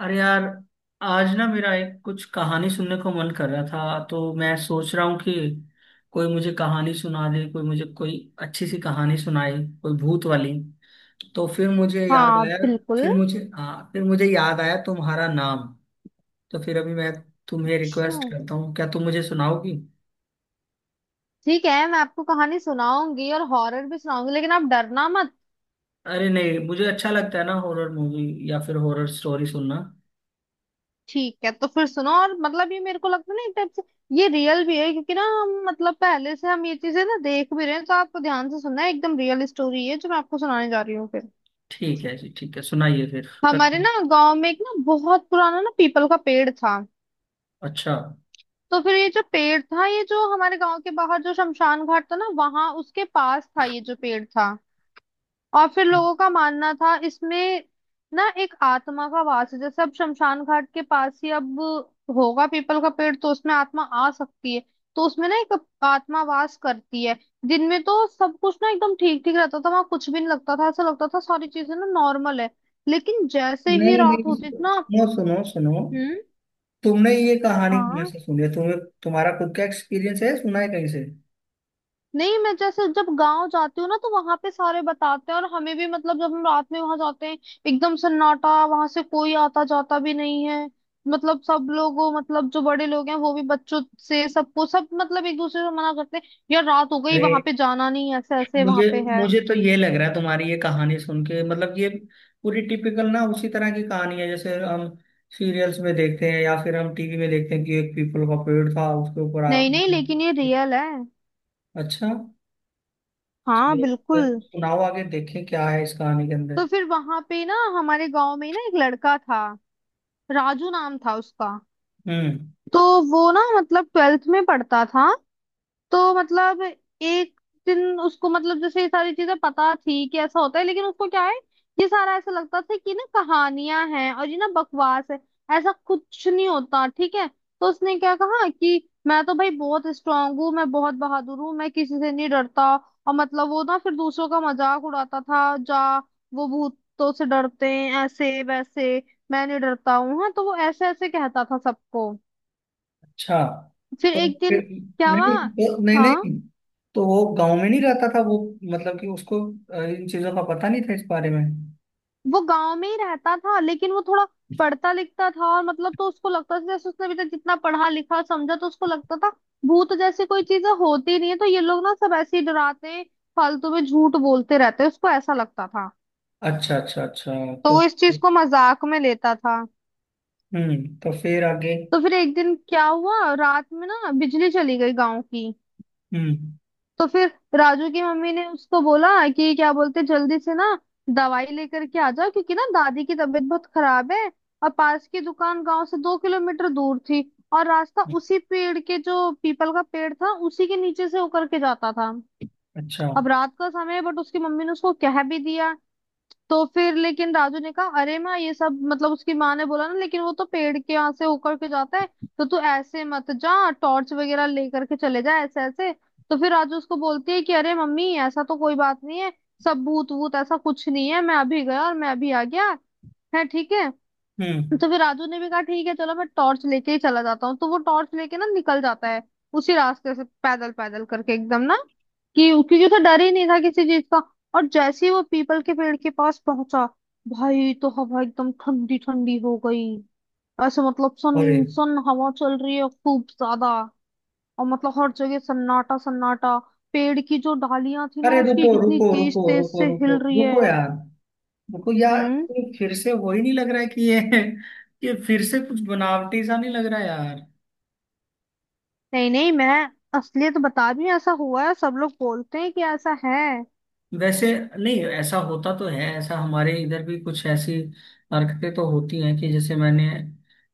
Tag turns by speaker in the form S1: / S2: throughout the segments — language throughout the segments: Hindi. S1: अरे यार, आज ना मेरा एक कुछ कहानी सुनने को मन कर रहा था। तो मैं सोच रहा हूँ कि कोई मुझे कहानी सुना दे, कोई मुझे कोई अच्छी सी कहानी सुनाए, कोई भूत वाली। तो फिर मुझे याद
S2: हाँ,
S1: आया।
S2: बिल्कुल।
S1: फिर मुझे हाँ फिर मुझे याद आया तुम्हारा नाम। तो फिर अभी मैं तुम्हें
S2: अच्छा।
S1: रिक्वेस्ट करता हूँ, क्या तुम मुझे सुनाओगी?
S2: ठीक है, मैं आपको कहानी सुनाऊंगी और हॉरर भी सुनाऊंगी, लेकिन आप डरना मत।
S1: अरे नहीं, मुझे अच्छा लगता है ना हॉरर मूवी या फिर हॉरर स्टोरी सुनना।
S2: ठीक है, तो फिर सुनो। और मतलब ये मेरे को लगता है ना, एक टाइप से ये रियल भी है, क्योंकि ना हम मतलब पहले से हम ये चीजें ना देख भी रहे हैं। तो आपको ध्यान से सुनना है, एकदम रियल स्टोरी है जो मैं आपको सुनाने जा रही हूँ। फिर
S1: ठीक है जी, ठीक है, सुनाइए फिर, करते
S2: हमारे
S1: हैं।
S2: ना गांव में एक ना बहुत पुराना ना पीपल का पेड़ था।
S1: अच्छा।
S2: तो फिर ये जो पेड़ था, ये जो हमारे गांव के बाहर जो शमशान घाट था ना, वहां उसके पास था ये जो पेड़ था। और फिर
S1: ठीक।
S2: लोगों का मानना था इसमें ना एक आत्मा का वास है। जैसे अब शमशान घाट के पास ही अब होगा पीपल का पेड़, तो उसमें आत्मा आ सकती है। तो उसमें ना एक आत्मा वास करती है। दिन में तो सब कुछ ना एकदम ठीक ठीक रहता था, वहां कुछ भी नहीं लगता था, ऐसा लगता था सारी चीजें ना नॉर्मल है। लेकिन जैसे ही
S1: नहीं
S2: रात
S1: नहीं,
S2: होती थी ना।
S1: सुनो सुनो सुनो,
S2: हम्म।
S1: तुमने ये कहानी कहाँ
S2: हाँ।
S1: से सुनी है? तुम्हें, तुम्हारा खुद का एक्सपीरियंस है, सुना है कहीं से?
S2: नहीं, मैं जैसे जब गांव जाती हूँ ना, तो वहां पे सारे बताते हैं। और हमें भी मतलब जब हम रात में वहां जाते हैं, एकदम सन्नाटा, वहां से कोई आता जाता भी नहीं है। मतलब सब लोग वो मतलब जो बड़े लोग हैं वो भी बच्चों से सबको सब मतलब एक दूसरे से मना करते हैं, यार रात हो गई
S1: अरे,
S2: वहां पे जाना नहीं, ऐसे ऐसे वहां
S1: मुझे
S2: पे है।
S1: मुझे तो ये लग रहा है तुम्हारी ये कहानी सुन के, मतलब ये पूरी टिपिकल ना उसी तरह की कहानी है जैसे हम सीरियल्स में देखते हैं या फिर हम टीवी में देखते हैं कि एक पीपल का पेड़ था उसके ऊपर
S2: नहीं नहीं,
S1: आत्मा रहती
S2: लेकिन ये
S1: थी।
S2: रियल है।
S1: अच्छा,
S2: हाँ,
S1: चलिए, फिर
S2: बिल्कुल।
S1: सुनाओ आगे, देखें क्या है इस कहानी के
S2: तो
S1: अंदर।
S2: फिर वहां पे ना हमारे गांव में ही ना एक लड़का था, राजू नाम था उसका।
S1: हम्म।
S2: तो वो ना मतलब 12th में पढ़ता था। तो मतलब एक दिन उसको, मतलब जैसे ये सारी चीजें पता थी कि ऐसा होता है, लेकिन उसको क्या है, ये सारा ऐसा लगता था कि ना कहानियां हैं और ये ना बकवास है, ऐसा कुछ नहीं होता। ठीक है, तो उसने क्या कहा कि मैं तो भाई बहुत स्ट्रांग हूँ, मैं बहुत बहादुर हूँ, मैं किसी से नहीं डरता। और मतलब वो ना फिर दूसरों का मजाक उड़ाता था, जा वो भूतों से डरते हैं ऐसे वैसे, मैं नहीं डरता हूँ। हाँ, तो वो ऐसे ऐसे कहता था सबको।
S1: अच्छा।
S2: फिर
S1: तो
S2: एक दिन
S1: फिर,
S2: क्या हुआ।
S1: नहीं तो- नहीं
S2: हाँ।
S1: नहीं तो वो गांव में नहीं रहता था वो, मतलब कि उसको इन चीजों का पता नहीं था, इस बारे में?
S2: वो गांव में ही रहता था, लेकिन वो थोड़ा पढ़ता लिखता था। और मतलब तो उसको लगता था जैसे उसने अभी तक जितना पढ़ा लिखा समझा, तो उसको लगता था भूत जैसी कोई चीजें होती नहीं है, तो ये लोग ना सब ऐसे ही डराते हैं, फालतू में झूठ बोलते रहते हैं, उसको ऐसा लगता था।
S1: अच्छा अच्छा अच्छा।
S2: तो
S1: तो
S2: वो इस चीज को मजाक में लेता था।
S1: तो फिर आगे?
S2: तो फिर एक दिन क्या हुआ, रात में ना बिजली चली गई गांव की।
S1: हम्म।
S2: तो फिर राजू की मम्मी ने उसको बोला कि क्या बोलते, जल्दी से ना दवाई लेकर के आ जाओ, क्योंकि ना दादी की तबीयत बहुत खराब है। और पास की दुकान गांव से 2 किलोमीटर दूर थी, और रास्ता उसी पेड़ के, जो पीपल का पेड़ था, उसी के नीचे से होकर के जाता था।
S1: अच्छा।
S2: अब रात का समय है, बट उसकी मम्मी ने उसको कह भी दिया। तो फिर लेकिन राजू ने कहा अरे माँ, ये सब, मतलब उसकी माँ ने बोला ना लेकिन वो तो पेड़ के यहाँ से होकर के जाता है, तो तू ऐसे मत जा, टॉर्च वगैरह लेकर के चले जा, ऐसे ऐसे। तो फिर राजू उसको बोलती है कि अरे मम्मी, ऐसा तो कोई बात नहीं है, सब भूत वूत ऐसा कुछ नहीं है, मैं अभी गया और मैं अभी आ गया है, ठीक है।
S1: हम्म।
S2: तो फिर राजू ने भी कहा ठीक है चलो, मैं टॉर्च लेके ही चला जाता हूँ। तो वो टॉर्च लेके ना निकल जाता है उसी रास्ते से, पैदल पैदल करके एकदम ना, कि क्योंकि उसे डर ही नहीं था किसी चीज का। और जैसे ही वो पीपल के पेड़ के पास पहुंचा, भाई तो हवा एकदम ठंडी ठंडी हो गई। ऐसे मतलब
S1: अरे
S2: सन सन हवा चल रही है खूब ज्यादा। और मतलब हर जगह सन्नाटा सन्नाटा। पेड़ की जो डालियां थी ना,
S1: अरे,
S2: उसकी
S1: रुको
S2: इतनी
S1: रुको
S2: तेज
S1: रुको
S2: तेज
S1: रुको
S2: से
S1: रुको
S2: हिल रही है।
S1: रुको यार, रुको यार।
S2: हम्म।
S1: ये फिर से वही नहीं लग रहा है कि ये ये फिर से कुछ बनावटी सा नहीं लग रहा है यार?
S2: नहीं नहीं, मैं असलियत बता रही हूँ, ऐसा हुआ है, सब लोग बोलते हैं कि ऐसा है।
S1: वैसे नहीं, ऐसा होता तो है, ऐसा हमारे इधर भी कुछ ऐसी हरकतें तो होती हैं। कि जैसे मैंने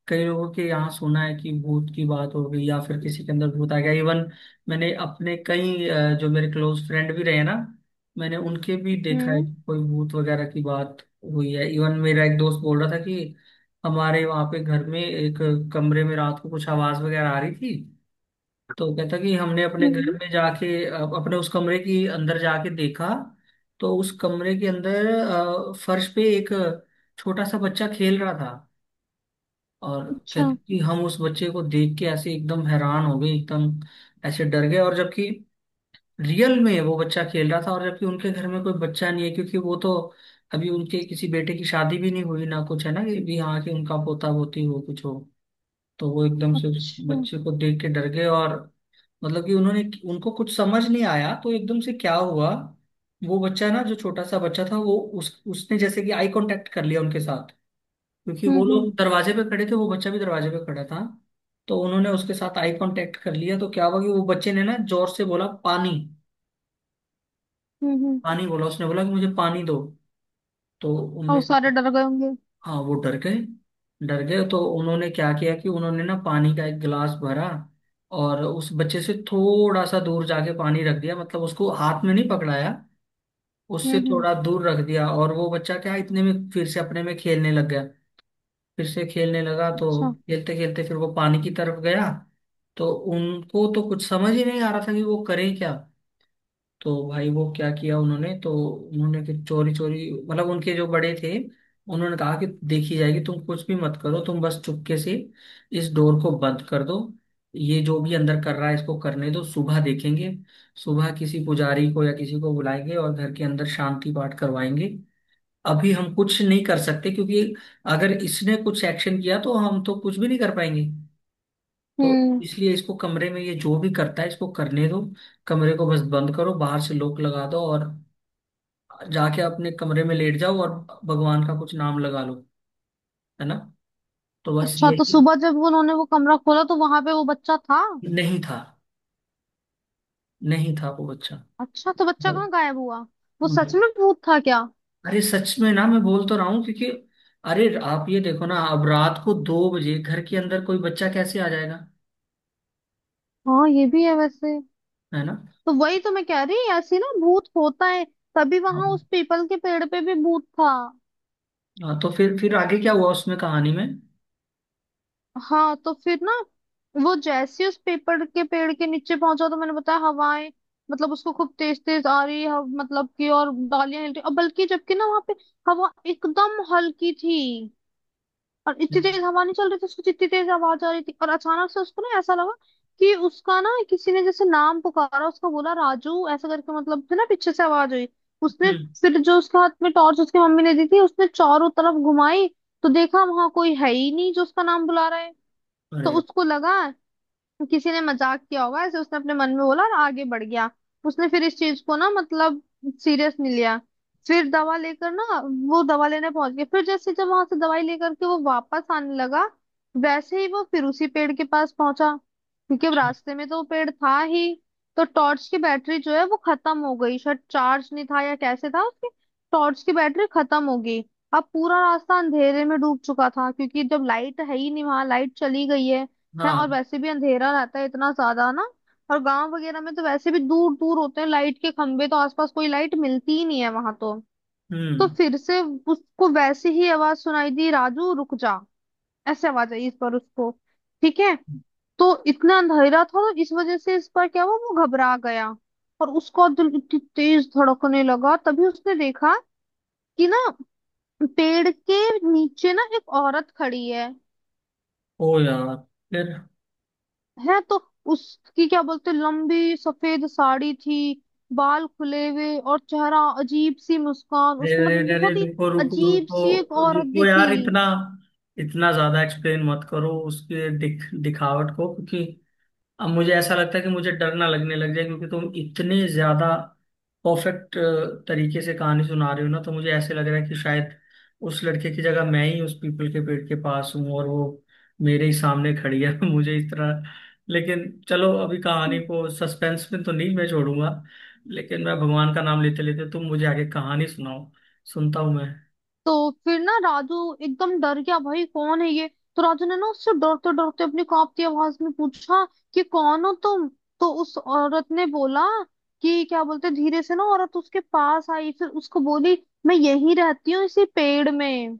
S1: कई लोगों के यहाँ सुना है कि भूत की बात हो गई या फिर किसी के अंदर भूत आ गया। इवन मैंने अपने कई जो मेरे क्लोज फ्रेंड भी रहे ना, मैंने उनके भी देखा है
S2: हम्म।
S1: कि कोई भूत वगैरह की बात हुई है। इवन मेरा एक दोस्त बोल रहा था कि हमारे वहाँ पे घर में एक कमरे में रात को कुछ आवाज वगैरह आ रही थी। तो कहता कि हमने अपने घर
S2: हम्म।
S1: में जाके अपने उस कमरे के अंदर जाके देखा। तो उस कमरे के अंदर फर्श पे एक छोटा सा बच्चा खेल रहा था। और
S2: अच्छा,
S1: कहता कि हम उस बच्चे को देख के ऐसे एकदम हैरान हो गए, एकदम ऐसे डर गए। और जबकि रियल में वो बच्चा खेल रहा था, और जबकि उनके घर में कोई बच्चा नहीं है, क्योंकि वो तो अभी उनके किसी बेटे की शादी भी नहीं हुई ना, कुछ है ना कि भी, हाँ, कि उनका पोता पोती हो, कुछ हो। तो वो एकदम से उस
S2: अच्छा।
S1: बच्चे को देख के डर गए। और मतलब कि उन्होंने, उनको कुछ समझ नहीं आया, तो एकदम से क्या हुआ, वो बच्चा ना जो छोटा सा बच्चा था, वो उस उसने जैसे कि आई कांटेक्ट कर लिया उनके साथ। क्योंकि
S2: हम्म।
S1: वो
S2: हम्म।
S1: लोग दरवाजे पे खड़े थे, वो बच्चा भी दरवाजे पे खड़ा था। तो उन्होंने उसके साथ आई कांटेक्ट कर लिया, तो क्या हुआ कि वो बच्चे ने ना जोर से बोला, पानी।
S2: हम्म।
S1: पानी बोला उसने, बोला कि मुझे पानी दो। तो
S2: और
S1: उनमें
S2: वो
S1: से,
S2: सारे डर गए होंगे।
S1: हाँ, वो डर गए, डर गए। तो उन्होंने क्या किया कि उन्होंने ना पानी का एक गिलास भरा, और उस बच्चे से थोड़ा सा दूर जाके पानी रख दिया, मतलब उसको हाथ में नहीं पकड़ाया।
S2: हम्म।
S1: उससे
S2: हम्म।
S1: थोड़ा दूर रख दिया, और वो बच्चा क्या इतने में फिर से अपने में खेलने लग गया। फिर से खेलने लगा, तो
S2: अच्छा।
S1: खेलते खेलते फिर वो पानी की तरफ गया। तो उनको तो कुछ समझ ही नहीं आ रहा था कि वो करें क्या। तो भाई वो क्या किया उन्होंने, तो उन्होंने फिर चोरी चोरी, मतलब उनके जो बड़े थे, उन्होंने कहा कि देखी जाएगी, तुम कुछ भी मत करो, तुम बस चुपके से इस डोर को बंद कर दो। ये जो भी अंदर कर रहा है, इसको करने दो, सुबह देखेंगे। सुबह किसी पुजारी को या किसी को बुलाएंगे और घर के अंदर शांति पाठ करवाएंगे। अभी हम कुछ नहीं कर सकते क्योंकि अगर इसने कुछ एक्शन किया तो हम तो कुछ भी नहीं कर पाएंगे। तो
S2: हम्म।
S1: इसलिए इसको कमरे में, ये जो भी करता है इसको करने दो। कमरे को बस बंद करो, बाहर से लॉक लगा दो, और जाके अपने कमरे में लेट जाओ और भगवान का कुछ नाम लगा लो, है ना? तो बस
S2: अच्छा, तो
S1: यही।
S2: सुबह जब उन्होंने वो कमरा खोला तो वहां पे वो बच्चा था।
S1: नहीं था। नहीं था वो बच्चा।
S2: अच्छा, तो बच्चा कहाँ गायब हुआ। वो सच में भूत था क्या।
S1: अरे सच में ना, मैं बोल तो रहा हूँ क्योंकि अरे, आप ये देखो ना, अब रात को दो बजे घर के अंदर कोई बच्चा कैसे आ जाएगा,
S2: हाँ, ये भी है वैसे।
S1: है ना?
S2: तो वही तो मैं कह रही, ऐसी ना भूत होता है, तभी वहां उस
S1: हाँ।
S2: पीपल के पेड़ पे भी भूत था।
S1: हाँ, तो फिर आगे क्या हुआ उसमें कहानी में?
S2: हाँ, तो फिर ना वो जैसे ही उस पेपर के पेड़ के नीचे पहुंचा, तो मैंने बताया हवाएं, मतलब उसको खूब तेज तेज आ रही है, मतलब कि और डालियां हिल रही, और बल्कि जबकि ना वहां पे हवा एकदम हल्की थी, और इतनी तेज
S1: अच्छा।
S2: हवा नहीं चल रही थी उसको, जितनी तेज आवाज आ रही थी। और अचानक से उसको ना ऐसा लगा कि उसका ना किसी ने जैसे नाम पुकारा उसका, बोला राजू ऐसा करके, मतलब फिर ना पीछे से आवाज हुई उसने।
S1: हम्म।
S2: फिर जो उसके हाथ में टॉर्च उसकी मम्मी ने दी थी, उसने चारों तरफ घुमाई, तो देखा वहां कोई है ही नहीं जो उसका नाम बुला रहा है। तो
S1: अरे।
S2: उसको लगा किसी ने मजाक किया होगा, ऐसे उसने अपने मन में बोला और आगे बढ़ गया। उसने फिर इस चीज को ना मतलब सीरियस नहीं लिया। फिर दवा लेकर ना, वो दवा लेने पहुंच गया। फिर जैसे जब वहां से दवाई लेकर के वो वापस आने लगा, वैसे ही वो फिर उसी पेड़ के पास पहुंचा, क्योंकि अब
S1: अच्छा।
S2: रास्ते में तो वो पेड़ था ही। तो टॉर्च की बैटरी जो है वो खत्म हो गई, शायद चार्ज नहीं था या कैसे था उसकी, टॉर्च की बैटरी खत्म हो गई। अब पूरा रास्ता अंधेरे में डूब चुका था, क्योंकि जब लाइट है ही नहीं वहां, लाइट चली गई है और
S1: हाँ।
S2: वैसे भी अंधेरा रहता है इतना ज्यादा ना। और गांव वगैरह में तो वैसे भी दूर दूर होते हैं लाइट के खंभे, तो आसपास कोई लाइट मिलती ही नहीं है वहां तो। तो
S1: हम्म।
S2: फिर से उसको वैसे ही आवाज सुनाई दी, राजू रुक जा, ऐसे आवाज आई इस पर उसको, ठीक है, तो इतना अंधेरा था, तो इस वजह से इस पर क्या हुआ वो घबरा गया। और उसका दिल इतनी तेज धड़कने लगा, तभी उसने देखा कि ना पेड़ के नीचे ना एक औरत खड़ी है।
S1: ओ यार। फिर।
S2: है, तो उसकी क्या बोलते लंबी सफेद साड़ी थी, बाल खुले हुए और चेहरा अजीब सी मुस्कान,
S1: अरे
S2: उसको मतलब
S1: अरे अरे,
S2: बहुत ही
S1: रुको रुको
S2: अजीब सी एक
S1: रुको
S2: औरत
S1: रुको
S2: दिखी।
S1: यार। इतना इतना ज्यादा एक्सप्लेन मत करो उसके दिखावट को, क्योंकि अब मुझे ऐसा लगता है कि मुझे डर ना लगने लग जाए। क्योंकि तुम इतने ज्यादा परफेक्ट तरीके से कहानी सुना रहे हो ना, तो मुझे ऐसे लग रहा है कि शायद उस लड़के की जगह मैं ही उस पीपल के पेड़ के पास हूँ और वो मेरे ही सामने खड़ी है मुझे, इस तरह। लेकिन चलो, अभी कहानी को सस्पेंस में तो नहीं मैं छोड़ूंगा। लेकिन मैं भगवान का नाम लेते लेते, तुम मुझे आगे कहानी सुनाओ, सुनता हूँ मैं।
S2: तो फिर ना राजू एकदम डर गया, भाई कौन है ये। तो राजू ने ना उससे डरते डरते अपनी कांपती आवाज में पूछा कि कौन हो तुम। तो उस औरत ने बोला कि क्या बोलते, धीरे से ना औरत उसके पास आई, फिर उसको बोली मैं यहीं रहती हूँ इसी पेड़ में,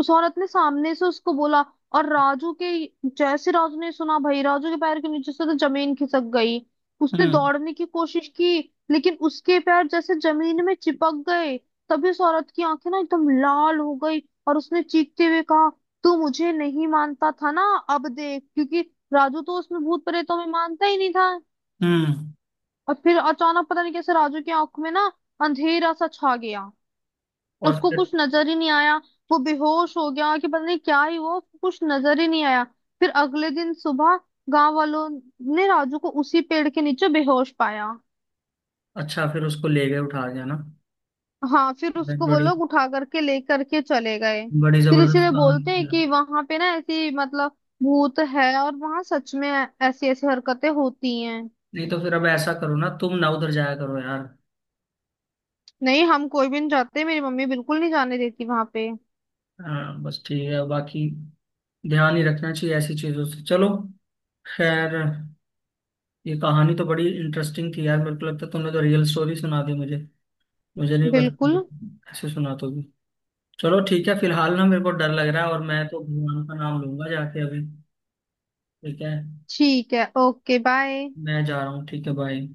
S2: उस औरत ने सामने से उसको बोला। और राजू के, जैसे राजू ने सुना भाई, राजू के पैर के नीचे से तो जमीन खिसक गई। उसने
S1: हम्म।
S2: दौड़ने की कोशिश की, लेकिन उसके पैर जैसे जमीन में चिपक गए। तभी उस औरत की आंखें ना एकदम लाल हो गई, और उसने चीखते हुए कहा, तू मुझे नहीं मानता था ना, अब देख। क्योंकि राजू तो उसमें भूत प्रेतों में मानता ही नहीं था।
S1: हम्म।
S2: और फिर अचानक पता नहीं कैसे राजू की आंख में ना अंधेरा सा छा गया,
S1: और
S2: उसको
S1: फिर?
S2: कुछ नजर ही नहीं आया। वो बेहोश हो गया, कि पता नहीं क्या ही हुआ, उसको कुछ नजर ही नहीं आया। फिर अगले दिन सुबह गांव वालों ने राजू को उसी पेड़ के नीचे बेहोश पाया।
S1: अच्छा, फिर उसको ले गए, उठा गया ना?
S2: हाँ, फिर उसको वो
S1: बड़ी,
S2: लोग उठा करके लेकर के चले गए।
S1: बड़ी
S2: फिर
S1: जबरदस्त
S2: इसलिए बोलते
S1: कहानी
S2: हैं
S1: है।
S2: कि वहां पे ना ऐसी मतलब भूत है, और वहां सच में ऐसी ऐसी हरकतें होती हैं।
S1: नहीं, तो फिर अब ऐसा करो ना, तुम ना उधर जाया करो यार।
S2: नहीं, हम कोई भी नहीं जाते, मेरी मम्मी बिल्कुल नहीं जाने देती वहां पे।
S1: हाँ बस, ठीक है, बाकी ध्यान ही रखना चाहिए ऐसी चीजों से। चलो, खैर, ये कहानी तो बड़ी इंटरेस्टिंग थी यार। मेरे को लगता है तुमने तो रियल स्टोरी सुना दी मुझे। मुझे नहीं पता
S2: बिल्कुल।
S1: कि ऐसे सुना दोगी। चलो ठीक है, फिलहाल ना मेरे को डर लग रहा है और मैं तो भगवान का नाम लूंगा जाके अभी। ठीक है,
S2: ठीक है, ओके बाय।
S1: मैं जा रहा हूँ, ठीक है, बाय।